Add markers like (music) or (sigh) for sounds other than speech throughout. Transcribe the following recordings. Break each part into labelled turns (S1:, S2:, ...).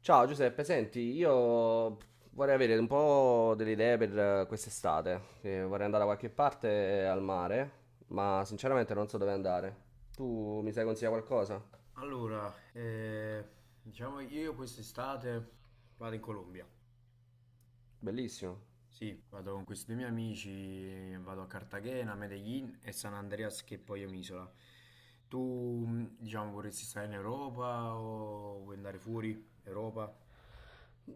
S1: Ciao Giuseppe, senti, io vorrei avere un po' delle idee per quest'estate. Vorrei andare da qualche parte al mare, ma sinceramente non so dove andare. Tu mi sai consigliare qualcosa?
S2: Allora, diciamo che io quest'estate vado in Colombia.
S1: Bellissimo.
S2: Sì, vado con questi due miei amici, vado a Cartagena, Medellin e San Andreas, che poi è un'isola. Tu, diciamo, vorresti stare in Europa o vuoi andare fuori Europa?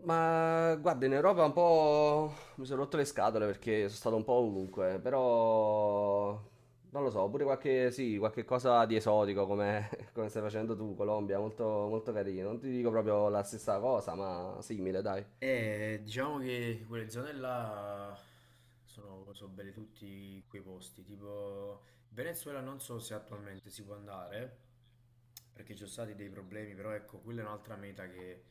S1: Ma guarda, in Europa un po' mi sono rotto le scatole perché sono stato un po' ovunque, però non lo so, pure qualche, sì, qualche cosa di esotico come, (laughs) come stai facendo tu, Colombia, molto, molto carino. Non ti dico proprio la stessa cosa, ma simile, dai.
S2: Diciamo che quelle zone là sono belle tutti quei posti, tipo Venezuela non so se attualmente si può andare, perché ci sono stati dei problemi, però ecco, quella è un'altra meta che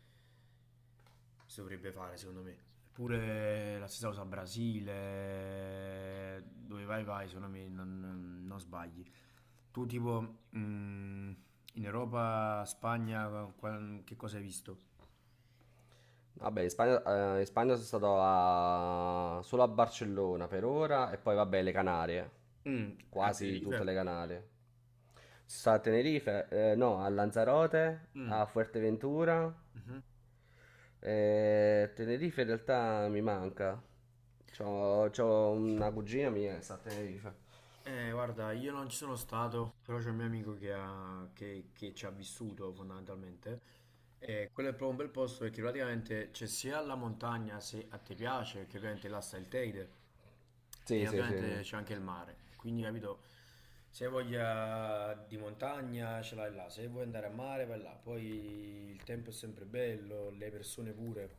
S2: si dovrebbe fare secondo me. Eppure la stessa cosa Brasile, dove vai vai, secondo me non sbagli. Tu tipo in Europa, Spagna, che cosa hai visto?
S1: Vabbè, in Spagna sono stato a- solo a Barcellona per ora e poi vabbè le Canarie,
S2: Mm, a
S1: quasi tutte
S2: Tenerife?
S1: le Canarie. Sono stato a Tenerife, no, a Lanzarote,
S2: Mm,
S1: a Fuerteventura.
S2: mhm.
S1: Tenerife in realtà mi manca. C'ho una cugina mia che sta a Tenerife.
S2: Guarda, io non ci sono stato, però c'è un mio amico che ci ha vissuto fondamentalmente. E quello è proprio un bel posto perché praticamente c'è sia la montagna se a te piace, perché ovviamente là sta il Teide,
S1: Sì,
S2: e
S1: sì, sì.
S2: ovviamente
S1: sì.
S2: c'è anche il mare. E quindi, capito, se hai voglia di montagna ce l'hai là, se vuoi andare a mare vai là. Poi il tempo è sempre bello, le persone pure,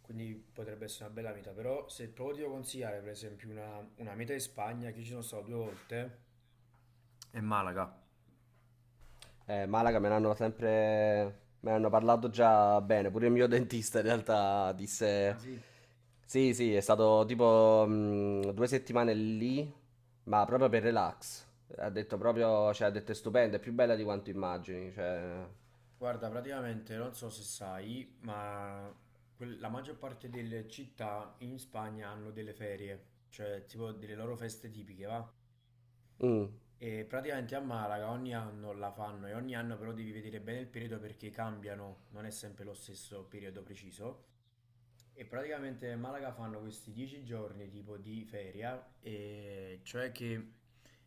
S2: quindi potrebbe essere una bella meta. Però se proprio ti devo consigliare, per esempio, una meta in Spagna, che io ci sono stato due volte, è Malaga.
S1: Malaga me l'hanno sempre... me l'hanno parlato già bene, pure il mio dentista in realtà
S2: Ah
S1: disse...
S2: sì?
S1: Sì, sì, è stato tipo 2 settimane lì, ma proprio per relax. Ha detto proprio, cioè ha detto è stupenda, è più bella di quanto immagini, cioè...
S2: Guarda, praticamente non so se sai, ma la maggior parte delle città in Spagna hanno delle ferie, cioè tipo delle loro feste tipiche, va?
S1: Mm.
S2: E praticamente a Malaga ogni anno la fanno e ogni anno però devi vedere bene il periodo perché cambiano, non è sempre lo stesso periodo preciso. E praticamente a Malaga fanno questi 10 giorni tipo di feria, e cioè che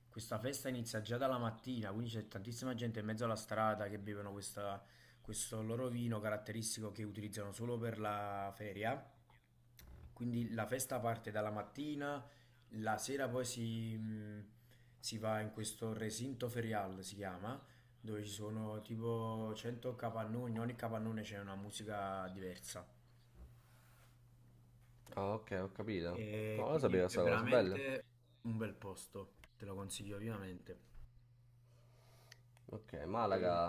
S2: questa festa inizia già dalla mattina, quindi c'è tantissima gente in mezzo alla strada che bevono questo loro vino caratteristico che utilizzano solo per la feria. Quindi la festa parte dalla mattina, la sera poi si va in questo recinto ferial, si chiama, dove ci sono tipo 100 capannoni, in ogni capannone c'è una musica diversa.
S1: Ah, ok, ho capito.
S2: E
S1: No, non lo
S2: quindi
S1: sapevo
S2: è
S1: questa cosa, bello.
S2: veramente un bel posto, te lo consiglio vivamente.
S1: Ok, Malaga...
S2: E,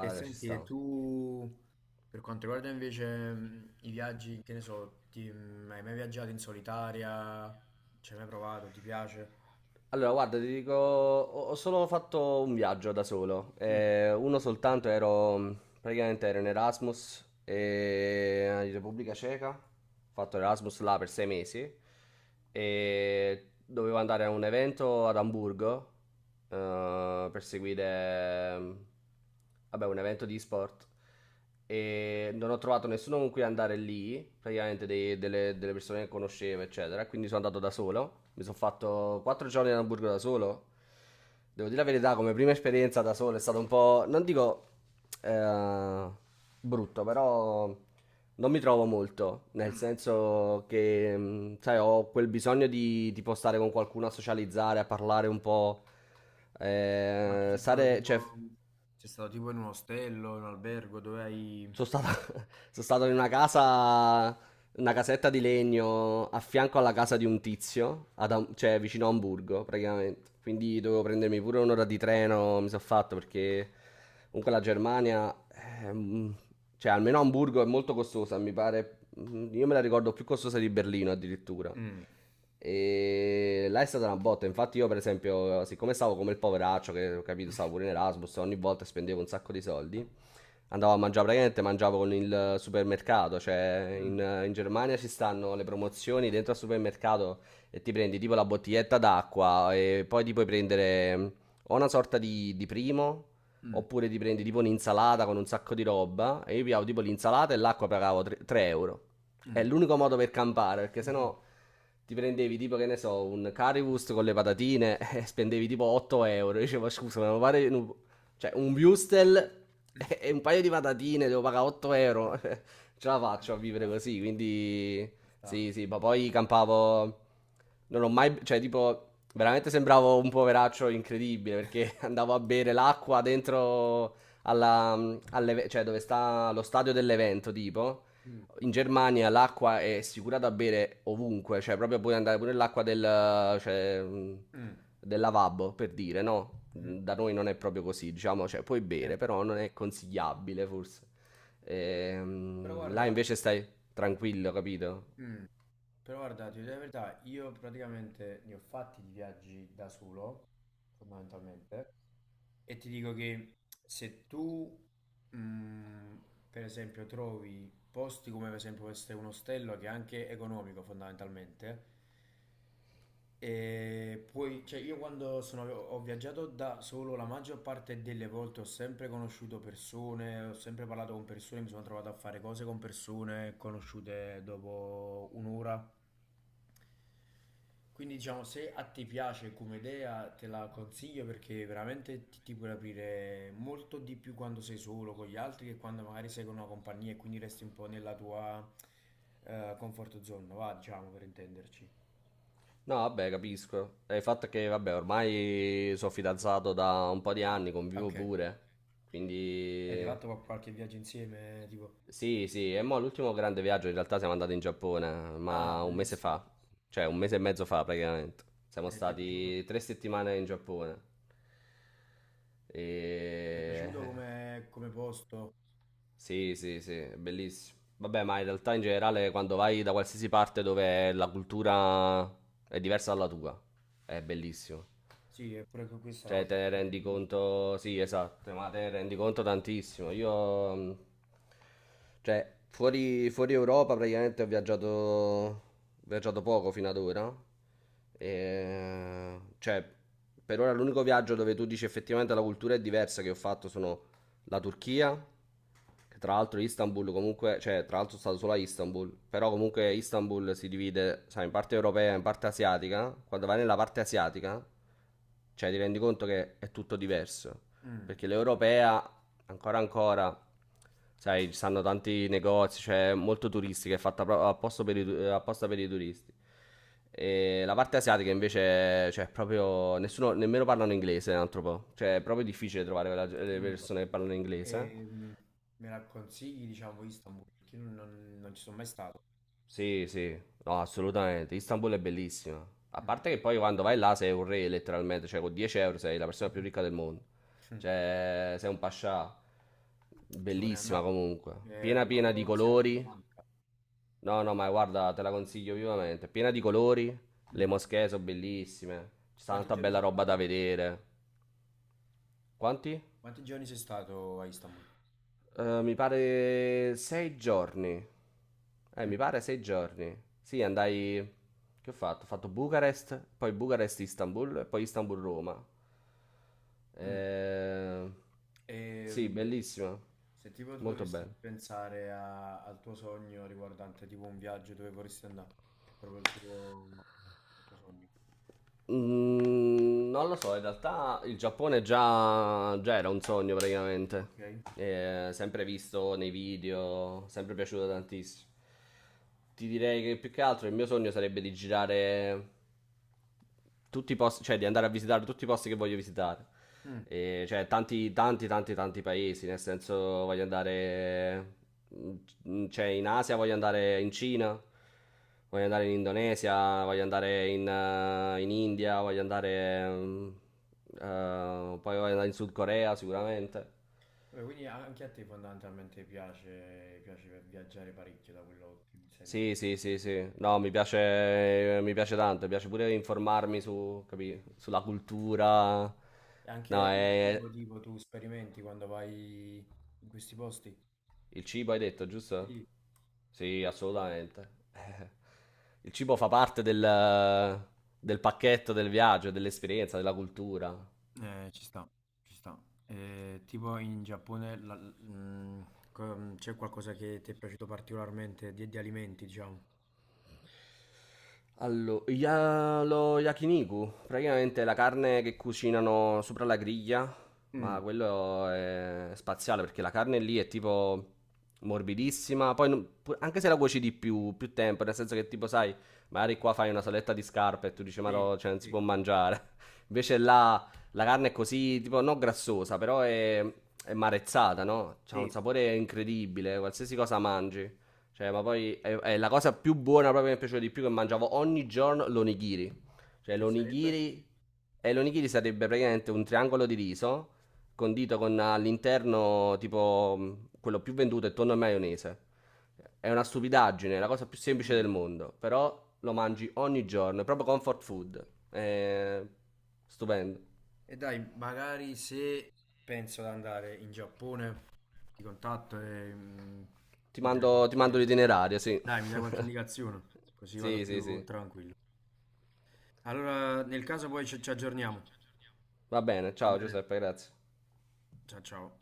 S2: e
S1: ci
S2: senti, e
S1: sta.
S2: tu per quanto riguarda invece i viaggi, che ne so, hai mai viaggiato in solitaria? Ci hai mai provato? Ti piace?
S1: Allora, guarda, ti dico, ho solo fatto un viaggio da solo,
S2: Mm,
S1: uno soltanto, ero praticamente ero in Erasmus in Repubblica Ceca, ho fatto Erasmus là per 6 mesi e dovevo andare a un evento ad Amburgo per seguire vabbè, un evento di sport e non ho trovato nessuno con cui andare lì, praticamente delle persone che conoscevo, eccetera. Quindi sono andato da solo. Mi sono fatto 4 giorni a Hamburgo da solo. Devo dire la verità, come prima esperienza da solo è stato un po', non dico eh, brutto, però non mi trovo molto, nel
S2: mm.
S1: senso che, sai, ho quel bisogno di, tipo stare con qualcuno a socializzare, a parlare un po',
S2: Ma tu sei stato
S1: stare, cioè,
S2: tipo, sei stato tipo in un ostello, in un albergo, dove hai.
S1: Sono stato, (laughs) sono stato in una casa, una casetta di legno a fianco alla casa di un tizio, ad Am- cioè vicino a Hamburgo praticamente. Quindi dovevo prendermi pure un'ora di treno, mi sono fatto perché comunque la Germania, ehm, cioè almeno Hamburgo è molto costosa, mi pare, io me la ricordo più costosa di Berlino addirittura.
S2: Mm.
S1: E là è stata una botta. Infatti, io, per esempio, siccome stavo come il poveraccio, che ho capito, stavo pure
S2: (laughs)
S1: in Erasmus, ogni volta spendevo un sacco di soldi, andavo a mangiare praticamente, mangiavo con il supermercato, cioè in,
S2: Mm,
S1: in Germania ci stanno le promozioni dentro al supermercato e ti prendi tipo la bottiglietta d'acqua e poi ti puoi prendere o una sorta di primo
S2: mm,
S1: oppure ti prendi tipo un'insalata con un sacco di roba e io pigliavo tipo l'insalata e l'acqua pagavo 3 euro. È
S2: mm.
S1: l'unico modo per campare perché sennò
S2: (laughs)
S1: ti prendevi tipo che ne so un currywurst con le patatine (laughs) e spendevi tipo 8 euro. Io dicevo scusa ma mi pare un cioè, un Wustel (laughs) e un paio di patatine, devo pagare 8 euro. (laughs) Ce la faccio a
S2: Ci
S1: vivere
S2: sta,
S1: così, quindi...
S2: ci sta.
S1: Sì, sì, ma poi campavo... Non ho mai... Cioè, tipo, veramente sembravo un poveraccio incredibile, perché (laughs) andavo a bere l'acqua dentro alla... alle- Cioè, dove sta lo stadio dell'evento, tipo
S2: Mm,
S1: in Germania l'acqua è assicurata a bere ovunque, cioè proprio puoi andare pure nell'acqua del, cioè,
S2: mm,
S1: del lavabo, per dire, no?
S2: mhm.
S1: Da noi non è proprio così, diciamo, cioè puoi bere,
S2: Certo.
S1: però non è consigliabile forse.
S2: Però
S1: Là
S2: guarda,
S1: invece stai tranquillo, capito?
S2: mm, Però guarda, ti dico la verità, io praticamente ne ho fatti di viaggi da solo, fondamentalmente, e ti dico che se tu, mm, per esempio, trovi posti come per esempio questo è un ostello che è anche economico fondamentalmente, e poi, cioè io quando ho viaggiato da solo, la maggior parte delle volte ho sempre conosciuto persone, ho sempre parlato con persone, mi sono trovato a fare cose con persone conosciute dopo un'ora. Quindi diciamo, se a te piace come idea, te la consiglio perché veramente ti puoi aprire molto di più quando sei solo con gli altri che quando magari sei con una compagnia e quindi resti un po' nella tua comfort zone, va, diciamo, per intenderci.
S1: No, vabbè, capisco. È il fatto è che, vabbè, ormai sono fidanzato da un po' di
S2: Ah,
S1: anni, convivo
S2: ok.
S1: pure,
S2: Avete
S1: quindi...
S2: fatto qualche viaggio insieme? Tipo,
S1: Sì, sì, e mo' l'ultimo grande viaggio in realtà siamo andati in Giappone,
S2: ah,
S1: ma un mese fa,
S2: bellissimo.
S1: cioè un mese e mezzo fa praticamente. Siamo
S2: Ti è piaciuto?
S1: stati 3 settimane in Giappone. E...
S2: Ti è piaciuto come posto?
S1: Sì, sì, sì, è bellissimo. Vabbè, ma in realtà in generale quando vai da qualsiasi parte dove la cultura è diversa dalla tua, è bellissimo.
S2: Sì, eppure questa è una
S1: Cioè,
S2: cosa
S1: te ne
S2: che
S1: rendi
S2: mi piace molto.
S1: conto, sì, esatto, ma te ne rendi conto tantissimo. Io, cioè, fuori Europa praticamente ho viaggiato poco fino ad ora. E, cioè, per ora l'unico viaggio dove tu dici effettivamente la cultura è diversa che ho fatto sono la Turchia, che tra l'altro Istanbul comunque, cioè tra l'altro è stato solo a Istanbul, però comunque Istanbul si divide, sai, in parte europea e in parte asiatica. Quando vai nella parte asiatica, cioè ti rendi conto che è tutto diverso,
S2: Mm,
S1: perché l'europea ancora ancora, sai, ci stanno tanti negozi, cioè molto turistica, è fatta proprio apposta per i, tu- apposta per i turisti. E la parte asiatica invece, cioè proprio nessuno, nemmeno parlano inglese, un altro po'. Cioè è proprio difficile trovare quella- le
S2: mm.
S1: persone che parlano inglese.
S2: E, me la consigli, diciamo, Istanbul, perché io non ci sono mai stato.
S1: Sì, sì, no, assolutamente. Istanbul è bellissima. A
S2: Mm.
S1: parte che poi quando vai là sei un re letteralmente, cioè con 10 euro sei la
S2: (laughs)
S1: persona più ricca del mondo.
S2: Mm.
S1: Cioè sei un pascià.
S2: Ci vorrei
S1: Bellissima
S2: andare.
S1: comunque, piena
S2: Al
S1: piena di
S2: lato asiatico mi
S1: colori.
S2: manca.
S1: No, no, ma guarda, te la consiglio vivamente. Piena di colori, le
S2: Mm.
S1: moschee sono bellissime, c'è
S2: Quanti
S1: tanta
S2: giorni
S1: bella
S2: sei
S1: roba da
S2: stato?
S1: vedere. Quanti?
S2: Quanti giorni sei stato a Istanbul?
S1: Mi pare 6 giorni.
S2: Mm.
S1: Mi pare sei giorni. Sì, andai... Che ho fatto? Ho fatto Bucarest, poi Bucarest-Istanbul e poi Istanbul-Roma.
S2: Mm.
S1: Eh...
S2: E,
S1: Sì, bellissima.
S2: se tipo tu
S1: Molto
S2: dovessi
S1: bella.
S2: pensare al tuo sogno riguardante tipo un viaggio dove vorresti andare, proprio il tuo sogno.
S1: Non lo so, in realtà il Giappone già, già era un sogno praticamente.
S2: Ok.
S1: Sempre visto nei video, sempre piaciuto tantissimo. Ti direi che più che altro il mio sogno sarebbe di girare tutti i posti, cioè di andare a visitare tutti i posti che voglio visitare.
S2: Mm.
S1: E, cioè, tanti, tanti, tanti, tanti paesi. Nel senso, voglio andare. Cioè, in Asia voglio andare in Cina, voglio andare in Indonesia, voglio andare in India, voglio andare. Poi voglio andare in Sud Corea sicuramente.
S2: Vabbè, quindi anche a te fondamentalmente piace viaggiare parecchio da quello che mi stai dicendo.
S1: Sì, sì, sì, sì. No, mi piace tanto, mi piace pure informarmi su, capì, sulla cultura.
S2: E
S1: No,
S2: anche il cibo
S1: è,
S2: tipo tu sperimenti quando vai in questi posti?
S1: il cibo hai detto, giusto?
S2: Sì.
S1: Sì, assolutamente. (laughs) Il cibo fa parte del, del pacchetto del viaggio, dell'esperienza, della cultura.
S2: Ci sta, ci sta. Tipo in Giappone c'è qualcosa che ti è piaciuto particolarmente di alimenti, diciamo?
S1: Allora, ya- lo yakiniku, praticamente è la carne che cucinano sopra la griglia,
S2: Mm.
S1: ma quello è spaziale perché la carne lì è tipo morbidissima, poi non- pu- anche se la cuoci di più, più tempo, nel senso che tipo sai, magari qua fai una saletta di scarpe e tu dici ma
S2: Sì,
S1: no, cioè non si può
S2: sì.
S1: mangiare, (laughs) invece là la carne è così, tipo non grassosa, però è marezzata, no? C'ha un
S2: Sì.
S1: sapore incredibile, qualsiasi cosa mangi. Cioè, ma poi è la cosa più buona proprio che mi è piaciuta di più che mangiavo ogni giorno l'onigiri. Cioè,
S2: Che sarebbe?
S1: l'onigiri sarebbe praticamente un triangolo di riso condito con all'interno tipo quello più venduto è tonno e maionese. È una stupidaggine, è la cosa più semplice
S2: Mm.
S1: del mondo, però lo mangi ogni giorno, è proprio comfort food.
S2: Ok.
S1: È stupendo.
S2: E dai, magari se penso di andare in Giappone, ti contatto e
S1: Ti
S2: mi dai
S1: mando, ti mando
S2: qualche,
S1: l'itinerario, sì. (laughs)
S2: mi dai qualche indicazione, così vado
S1: Sì, sì,
S2: più
S1: sì.
S2: tranquillo. Allora, nel caso poi ci aggiorniamo.
S1: Va bene,
S2: Va
S1: ciao
S2: bene?
S1: Giuseppe, grazie.
S2: Ciao ciao.